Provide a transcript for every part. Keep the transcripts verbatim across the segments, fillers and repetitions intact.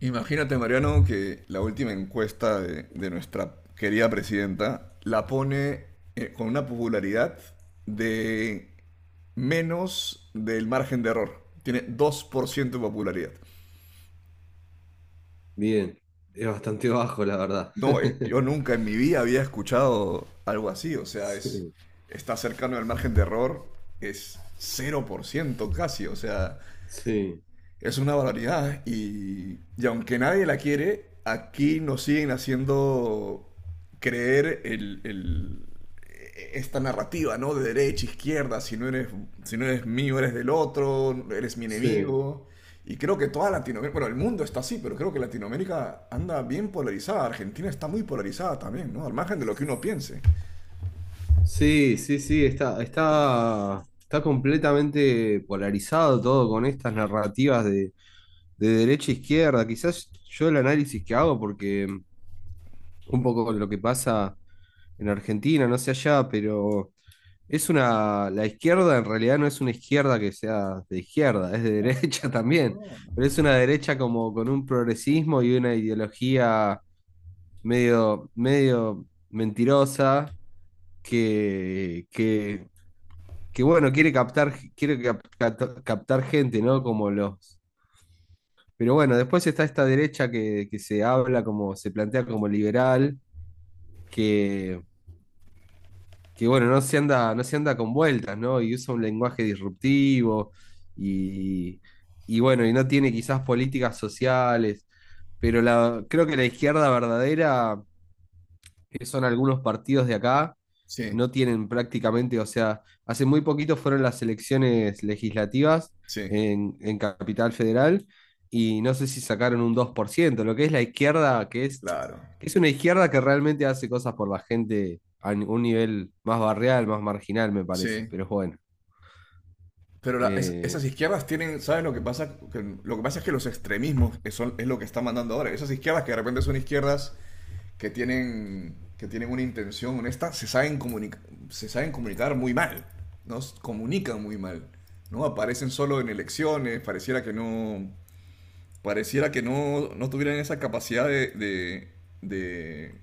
Imagínate, Mariano, que la última encuesta de, de nuestra querida presidenta la pone eh, con una popularidad de menos del margen de error. Tiene dos por ciento de popularidad. Bien, es bastante bajo, la verdad. No, eh, yo nunca en mi vida había escuchado algo así. O sea, es, Sí, está cercano al margen de error, es cero por ciento casi. O sea, sí, es una barbaridad y, y aunque nadie la quiere, aquí nos siguen haciendo creer el, el- esta narrativa, ¿no? De derecha, izquierda, si no eres, si no eres mío, eres del otro, eres mi sí. enemigo. Y creo que toda Latinoamérica, bueno, el mundo está así, pero creo que Latinoamérica anda bien polarizada. Argentina está muy polarizada también, ¿no? Al margen de lo que uno piense. Sí, sí, sí, está, está, está completamente polarizado todo con estas narrativas de, de derecha e izquierda. Quizás yo el análisis que hago, porque un poco lo que pasa en Argentina, no sé allá, pero es una, la izquierda en realidad no es una izquierda que sea de izquierda, es de derecha también, No, pero no. es una derecha como con un progresismo y una ideología medio, medio mentirosa, que, que, que, bueno, quiere captar, quiere cap- cat- captar gente, ¿no? Como los. Pero bueno, después está esta derecha que, que se habla como, se plantea como liberal, que, que bueno, no se anda, no se anda con vueltas, ¿no? Y usa un lenguaje disruptivo y, y bueno, y no tiene quizás políticas sociales. Pero la, creo que la izquierda verdadera que son algunos partidos de acá, Sí, no tienen prácticamente, o sea, hace muy poquito fueron las elecciones legislativas sí, en, en Capital Federal y no sé si sacaron un dos por ciento lo que es la izquierda, que es, claro. que es una izquierda que realmente hace cosas por la gente a un nivel más barrial, más marginal, me parece, Sí, pero bueno. pero la- es- eh, esas izquierdas tienen, ¿sabes lo que pasa? Que- lo que pasa es que los extremismos es, son- es lo que están mandando ahora. Esas izquierdas que de repente son izquierdas que tienen, que tienen una intención honesta, se saben, comunicar se saben comunicar muy mal, ¿no? S- Comunican muy mal, ¿no? Aparecen solo en elecciones, pareciera que no, pareciera que no, no tuvieran esa capacidad de, de, de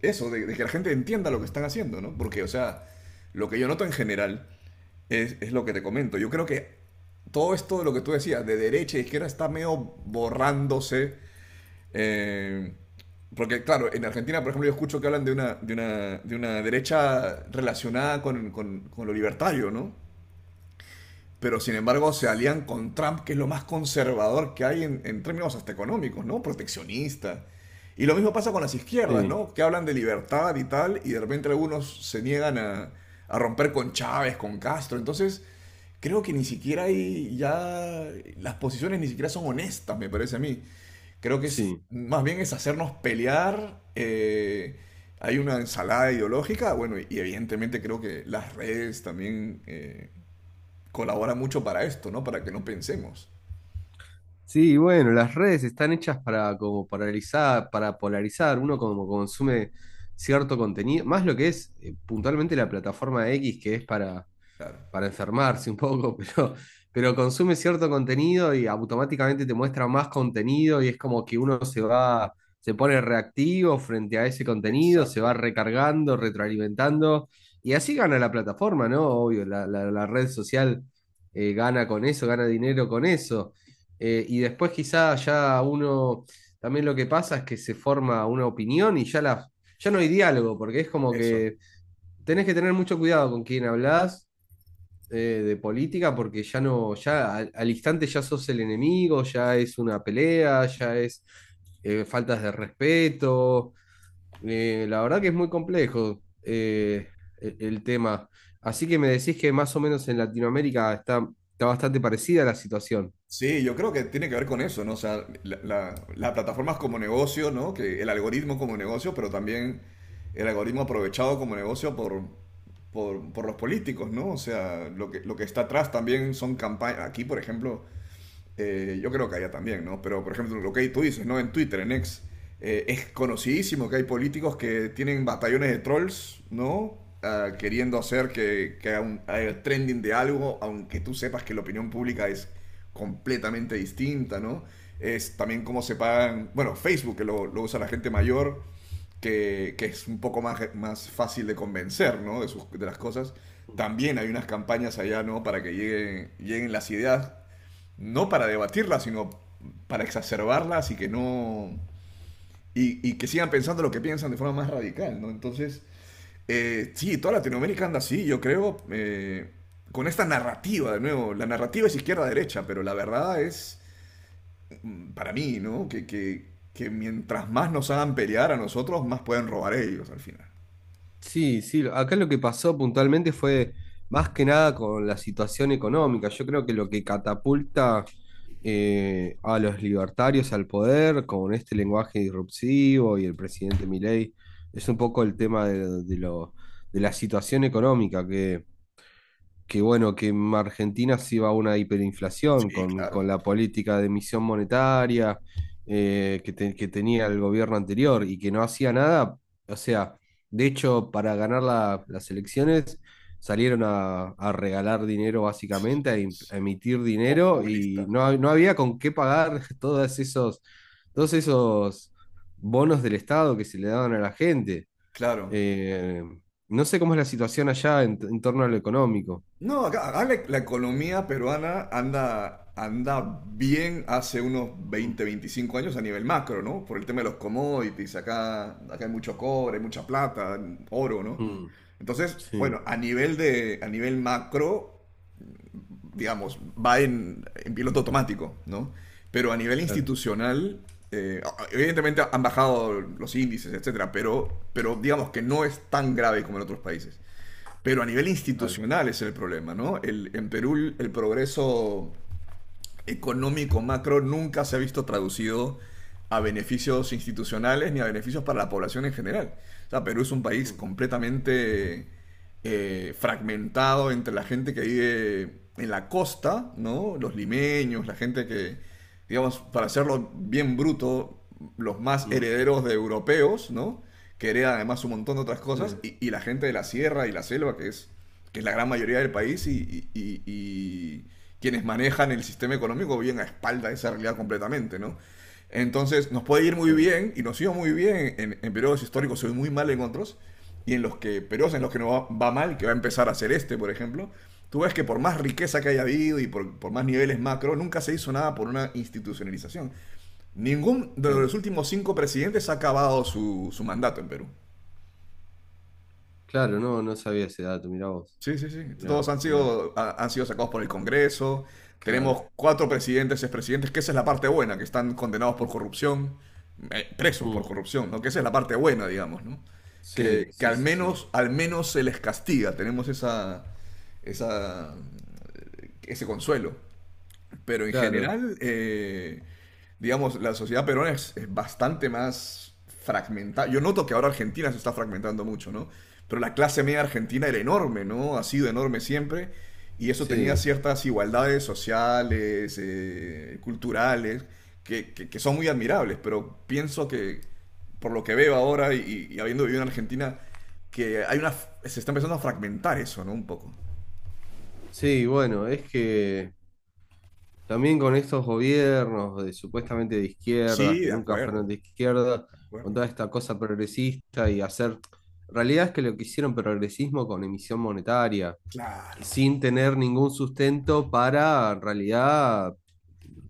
eso, de, de que la gente entienda lo que están haciendo, ¿no? Porque, o sea, lo que yo noto en general es, es lo que te comento. Yo creo que todo esto de lo que tú decías, de derecha e izquierda, está medio borrándose. eh, Porque, claro, en Argentina, por ejemplo, yo escucho que hablan de una, de una, de una derecha relacionada con, con- con lo libertario, ¿no? Pero sin embargo se alían con Trump, que es lo más conservador que hay en, en términos hasta económicos, ¿no? Proteccionista. Y lo mismo pasa con las izquierdas, sí, ¿no? Que hablan de libertad y tal, y de repente algunos se niegan a, a romper con Chávez, con Castro. Entonces, creo que ni siquiera hay ya. Las posiciones ni siquiera son honestas, me parece a mí. Creo que es, sí. más bien es hacernos pelear. Eh, hay una ensalada ideológica, bueno, y, y evidentemente creo que las redes también eh, colabora mucho para esto, ¿no? Para que no pensemos. Sí, bueno, las redes están hechas para como paralizar, para polarizar, uno como consume cierto contenido, más lo que es eh, puntualmente la plataforma X que es para Claro. para enfermarse un poco, pero, pero consume cierto contenido y automáticamente te muestra más contenido y es como que uno se va, se pone reactivo frente a ese contenido, se va Exacto, recargando, retroalimentando y así gana la plataforma, ¿no? Obvio, la, la- la red social eh, gana con eso, gana dinero con eso. Eh, y después quizá ya uno, también lo que pasa es que se forma una opinión y ya, la, ya no hay diálogo, porque es como eso. que tenés que tener mucho cuidado con quién hablas eh, de política porque ya no, ya al, al instante ya sos el enemigo, ya es una pelea, ya es eh, faltas de respeto. Eh, la verdad que es muy complejo eh, el, el tema. Así que me decís que más o menos en Latinoamérica está, está bastante parecida la situación. Sí, yo creo que tiene que ver con eso, ¿no? O sea, la- la- las plataformas como negocio, ¿no? Que el algoritmo como negocio, pero también el algoritmo aprovechado como negocio por, por, por los políticos, ¿no? O sea, lo que, lo que está atrás también son campañas. Aquí, por ejemplo, eh, yo creo que allá también, ¿no? Pero, por ejemplo, lo que tú dices, ¿no? En Twitter, en X, eh, es conocidísimo que hay políticos que tienen batallones de trolls, ¿no? Ah, queriendo hacer que, que haya, un, haya trending de algo, aunque tú sepas que la opinión pública es completamente distinta, ¿no? Es también cómo se pagan, bueno, Facebook, que lo, lo usa la gente mayor, que, que es un poco más, más fácil de convencer, ¿no? De, sus, de las cosas. También hay unas campañas allá, ¿no? Para que lleguen, lleguen las ideas no para debatirlas, sino para exacerbarlas y que no. Y, y que sigan pensando lo que piensan de forma más radical, ¿no? Entonces, eh, sí, toda Latinoamérica anda así, yo creo, eh, con esta narrativa, de nuevo. La narrativa es izquierda-derecha, pero la verdad es, mm, para mí, ¿no? Que, que, que mientras más nos hagan pelear a nosotros, más pueden robar ellos al final. Sí, sí, acá lo que pasó puntualmente fue más que nada con la situación económica. Yo creo que lo que catapulta eh, a los libertarios al poder con este lenguaje disruptivo y el presidente Milei es un poco el tema de, de lo, de la situación económica, que que bueno, que en Argentina sí va a una hiperinflación Sí, con, con claro. la política de emisión monetaria eh, que, te- que tenía el gobierno anterior y que no hacía nada. O sea, de hecho, para ganar la- las elecciones salieron a, a regalar dinero básicamente, a, im- Sí. a emitir dinero y Populistas. no, ha- no había con qué pagar todos esos, todos esos bonos del Estado que se le daban a la gente. Claro. Eh, no sé cómo es la situación allá en en torno a lo económico. No, acá, acá la, la economía peruana anda, anda bien hace unos Mm. veinte, veinticinco años a nivel macro, ¿no? Por el tema de los commodities, acá, acá hay mucho cobre, mucha plata, oro, ¿no? Mm, Entonces, bueno, sí, a nivel de, a nivel macro, digamos, va en, en piloto automático, ¿no? Pero a nivel claro, institucional, eh, evidentemente han bajado los índices, etcétera, pero, pero digamos que no es tan grave como en otros países. Pero a nivel claro. institucional es el problema, ¿no? El, en Perú el progreso económico macro nunca se ha visto traducido a beneficios institucionales ni a beneficios para la población en general. O sea, Perú es un país Mm, completamente eh, fragmentado entre la gente que vive en la costa, ¿no? Los limeños, la gente que, digamos, para hacerlo bien bruto, los más mm, herederos de europeos, ¿no? Que heredan además un montón de otras sí, cosas, mm, y, y la gente de la sierra y la selva, que es, que es la gran mayoría del país, y, y- y- y quienes manejan el sistema económico bien a espalda de esa realidad completamente, ¿no? Entonces nos puede ir muy claro, bien y nos iba muy bien en, en periodos históricos, se ve muy mal en otros, y en los que periodos en los que no va, va mal, que va a empezar a hacer este, por ejemplo, tú ves que por más riqueza que haya habido y por, por más niveles macro, nunca se hizo nada por una institucionalización. Ningún de claro. los últimos cinco presidentes ha acabado su, su mandato en Perú. Claro, no, no sabía ese dato, mirá vos. Sí, sí, sí. Todos Mirá, han mirá, sido, ha- han sido sacados por el Congreso. claro. Tenemos cuatro presidentes, expresidentes, que esa es la parte buena, que están condenados por Mm, corrupción, eh, presos por mm, corrupción, ¿no? Que esa es la parte buena, digamos, ¿no? sí, Que, que sí, al sí, sí. menos, al menos se les castiga. Tenemos esa, esa, ese consuelo. Pero en Claro, general, eh, digamos, la sociedad peruana es, es bastante más fragmentada. Yo noto que ahora Argentina se está fragmentando mucho, ¿no? Pero la clase media argentina era enorme, ¿no? Ha sido enorme siempre. Y eso tenía sí. ciertas igualdades sociales, eh, culturales, que, que- que son muy admirables. Pero pienso que, por lo que veo ahora y, y habiendo vivido en Argentina, que hay una, se está empezando a fragmentar eso, ¿no? Un poco. Sí, bueno, es que también con estos gobiernos de supuestamente de izquierdas, Sí, que de nunca acuerdo, fueron de de izquierda, con acuerdo. toda esta cosa progresista y hacer. En realidad es que lo que hicieron progresismo con emisión monetaria. Claro. Sin tener ningún sustento para en realidad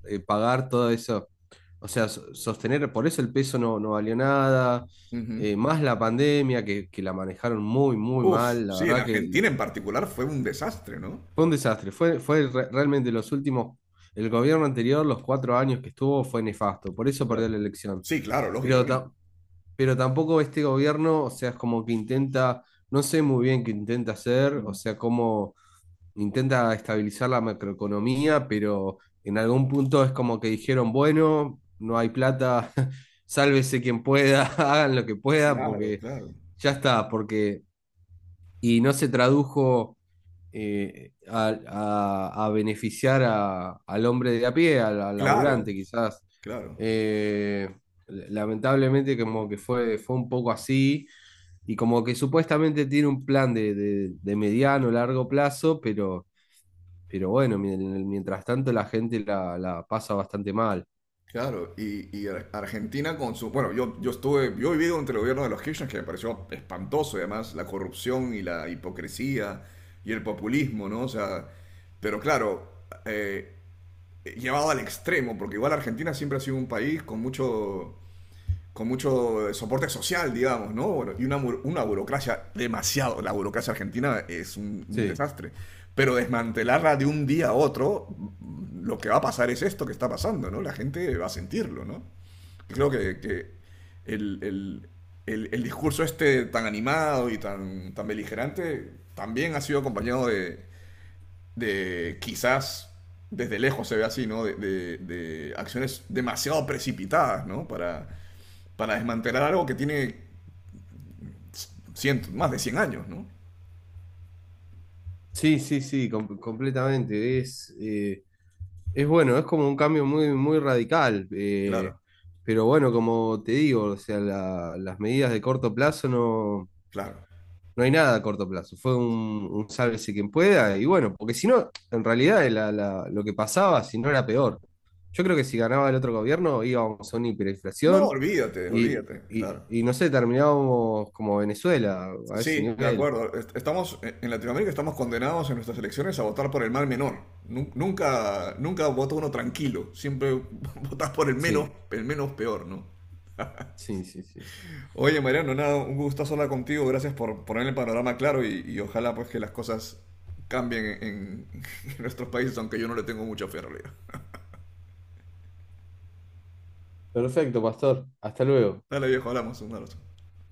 eh, pagar todo eso. O sea, so- sostener, por eso el peso no, no valió nada, Ujú. eh, más la pandemia que, que la manejaron muy, muy Uf, mal, la sí, en verdad que lo- Argentina en particular fue un desastre, ¿no? fue un desastre, fue, fue re- realmente los últimos, el gobierno anterior, los cuatro años que estuvo, fue nefasto, por eso perdió Claro. la elección. Sí, claro, Pero, lógicamente. ta- pero tampoco este gobierno, o sea, es como que intenta, no sé muy bien qué intenta hacer, o sea, cómo intenta estabilizar la macroeconomía, pero en algún punto es como que dijeron, bueno, no hay plata, sálvese quien pueda, hagan lo que puedan, Claro, porque claro. ya está, porque y no se tradujo eh, a, a- a beneficiar a- al hombre de a pie, al, al Claro, laburante, quizás. claro, Eh, lamentablemente como que fue, fue un poco así. Y como que supuestamente tiene un plan de, de, de mediano, largo plazo, pero pero bueno, mi- mientras tanto la gente la, la pasa bastante mal. claro. Y, y Ar- Argentina con su... Bueno, yo, yo estuve, yo he vivido entre el gobierno de los Kirchner, que me pareció espantoso, y además, la corrupción y la hipocresía y el populismo, ¿no? O sea, pero claro, eh, llevado al extremo, porque igual Argentina siempre ha sido un país con mucho... con mucho soporte social, digamos, ¿no? Bueno, y una, una burocracia demasiado, la burocracia argentina es un, un, Sí, desastre, pero sí, desmantelarla sí, de un día a otro, lo que va a pasar es esto que está pasando, ¿no? La gente va a sentirlo, ¿no? Y creo que, que el, el, el, el, discurso este tan animado y tan, tan beligerante también ha sido acompañado de, de quizás desde lejos se ve así, ¿no? De, de, de acciones demasiado precipitadas, ¿no? Para para desmantelar algo que tiene cientos, más de cien años, ¿no? sí, sí, sí, com- completamente. Es, eh, es bueno, es como un cambio muy, muy radical. eh, Claro, Pero bueno, como te digo, o sea, la- las medidas de corto plazo no. claro. No hay nada a corto plazo. Fue un, un sálvese quien pueda. Y bueno, porque si no, en realidad la- la- lo que pasaba, si no era peor. Yo creo que si ganaba el otro gobierno íbamos a una No, hiperinflación olvídate, y, olvídate, y- claro. y no sé, terminábamos como Venezuela, a ese Sí, de nivel. acuerdo. Est- Estamos eh, en Latinoamérica estamos condenados en nuestras elecciones a votar por el mal menor. Nu- Nunca, nunca vota uno tranquilo. Siempre votas por el menos, Sí, el menos peor, ¿no? sí, sí, sí. Oye, Mariano, nada, un gustazo hablar contigo. Gracias por poner el panorama claro y, y ojalá pues que las cosas cambien en, en nuestros países, aunque yo no le tengo mucha fe en realidad. Perfecto, pastor. Hasta luego. Dale, viejo, hablamos. Un abrazo.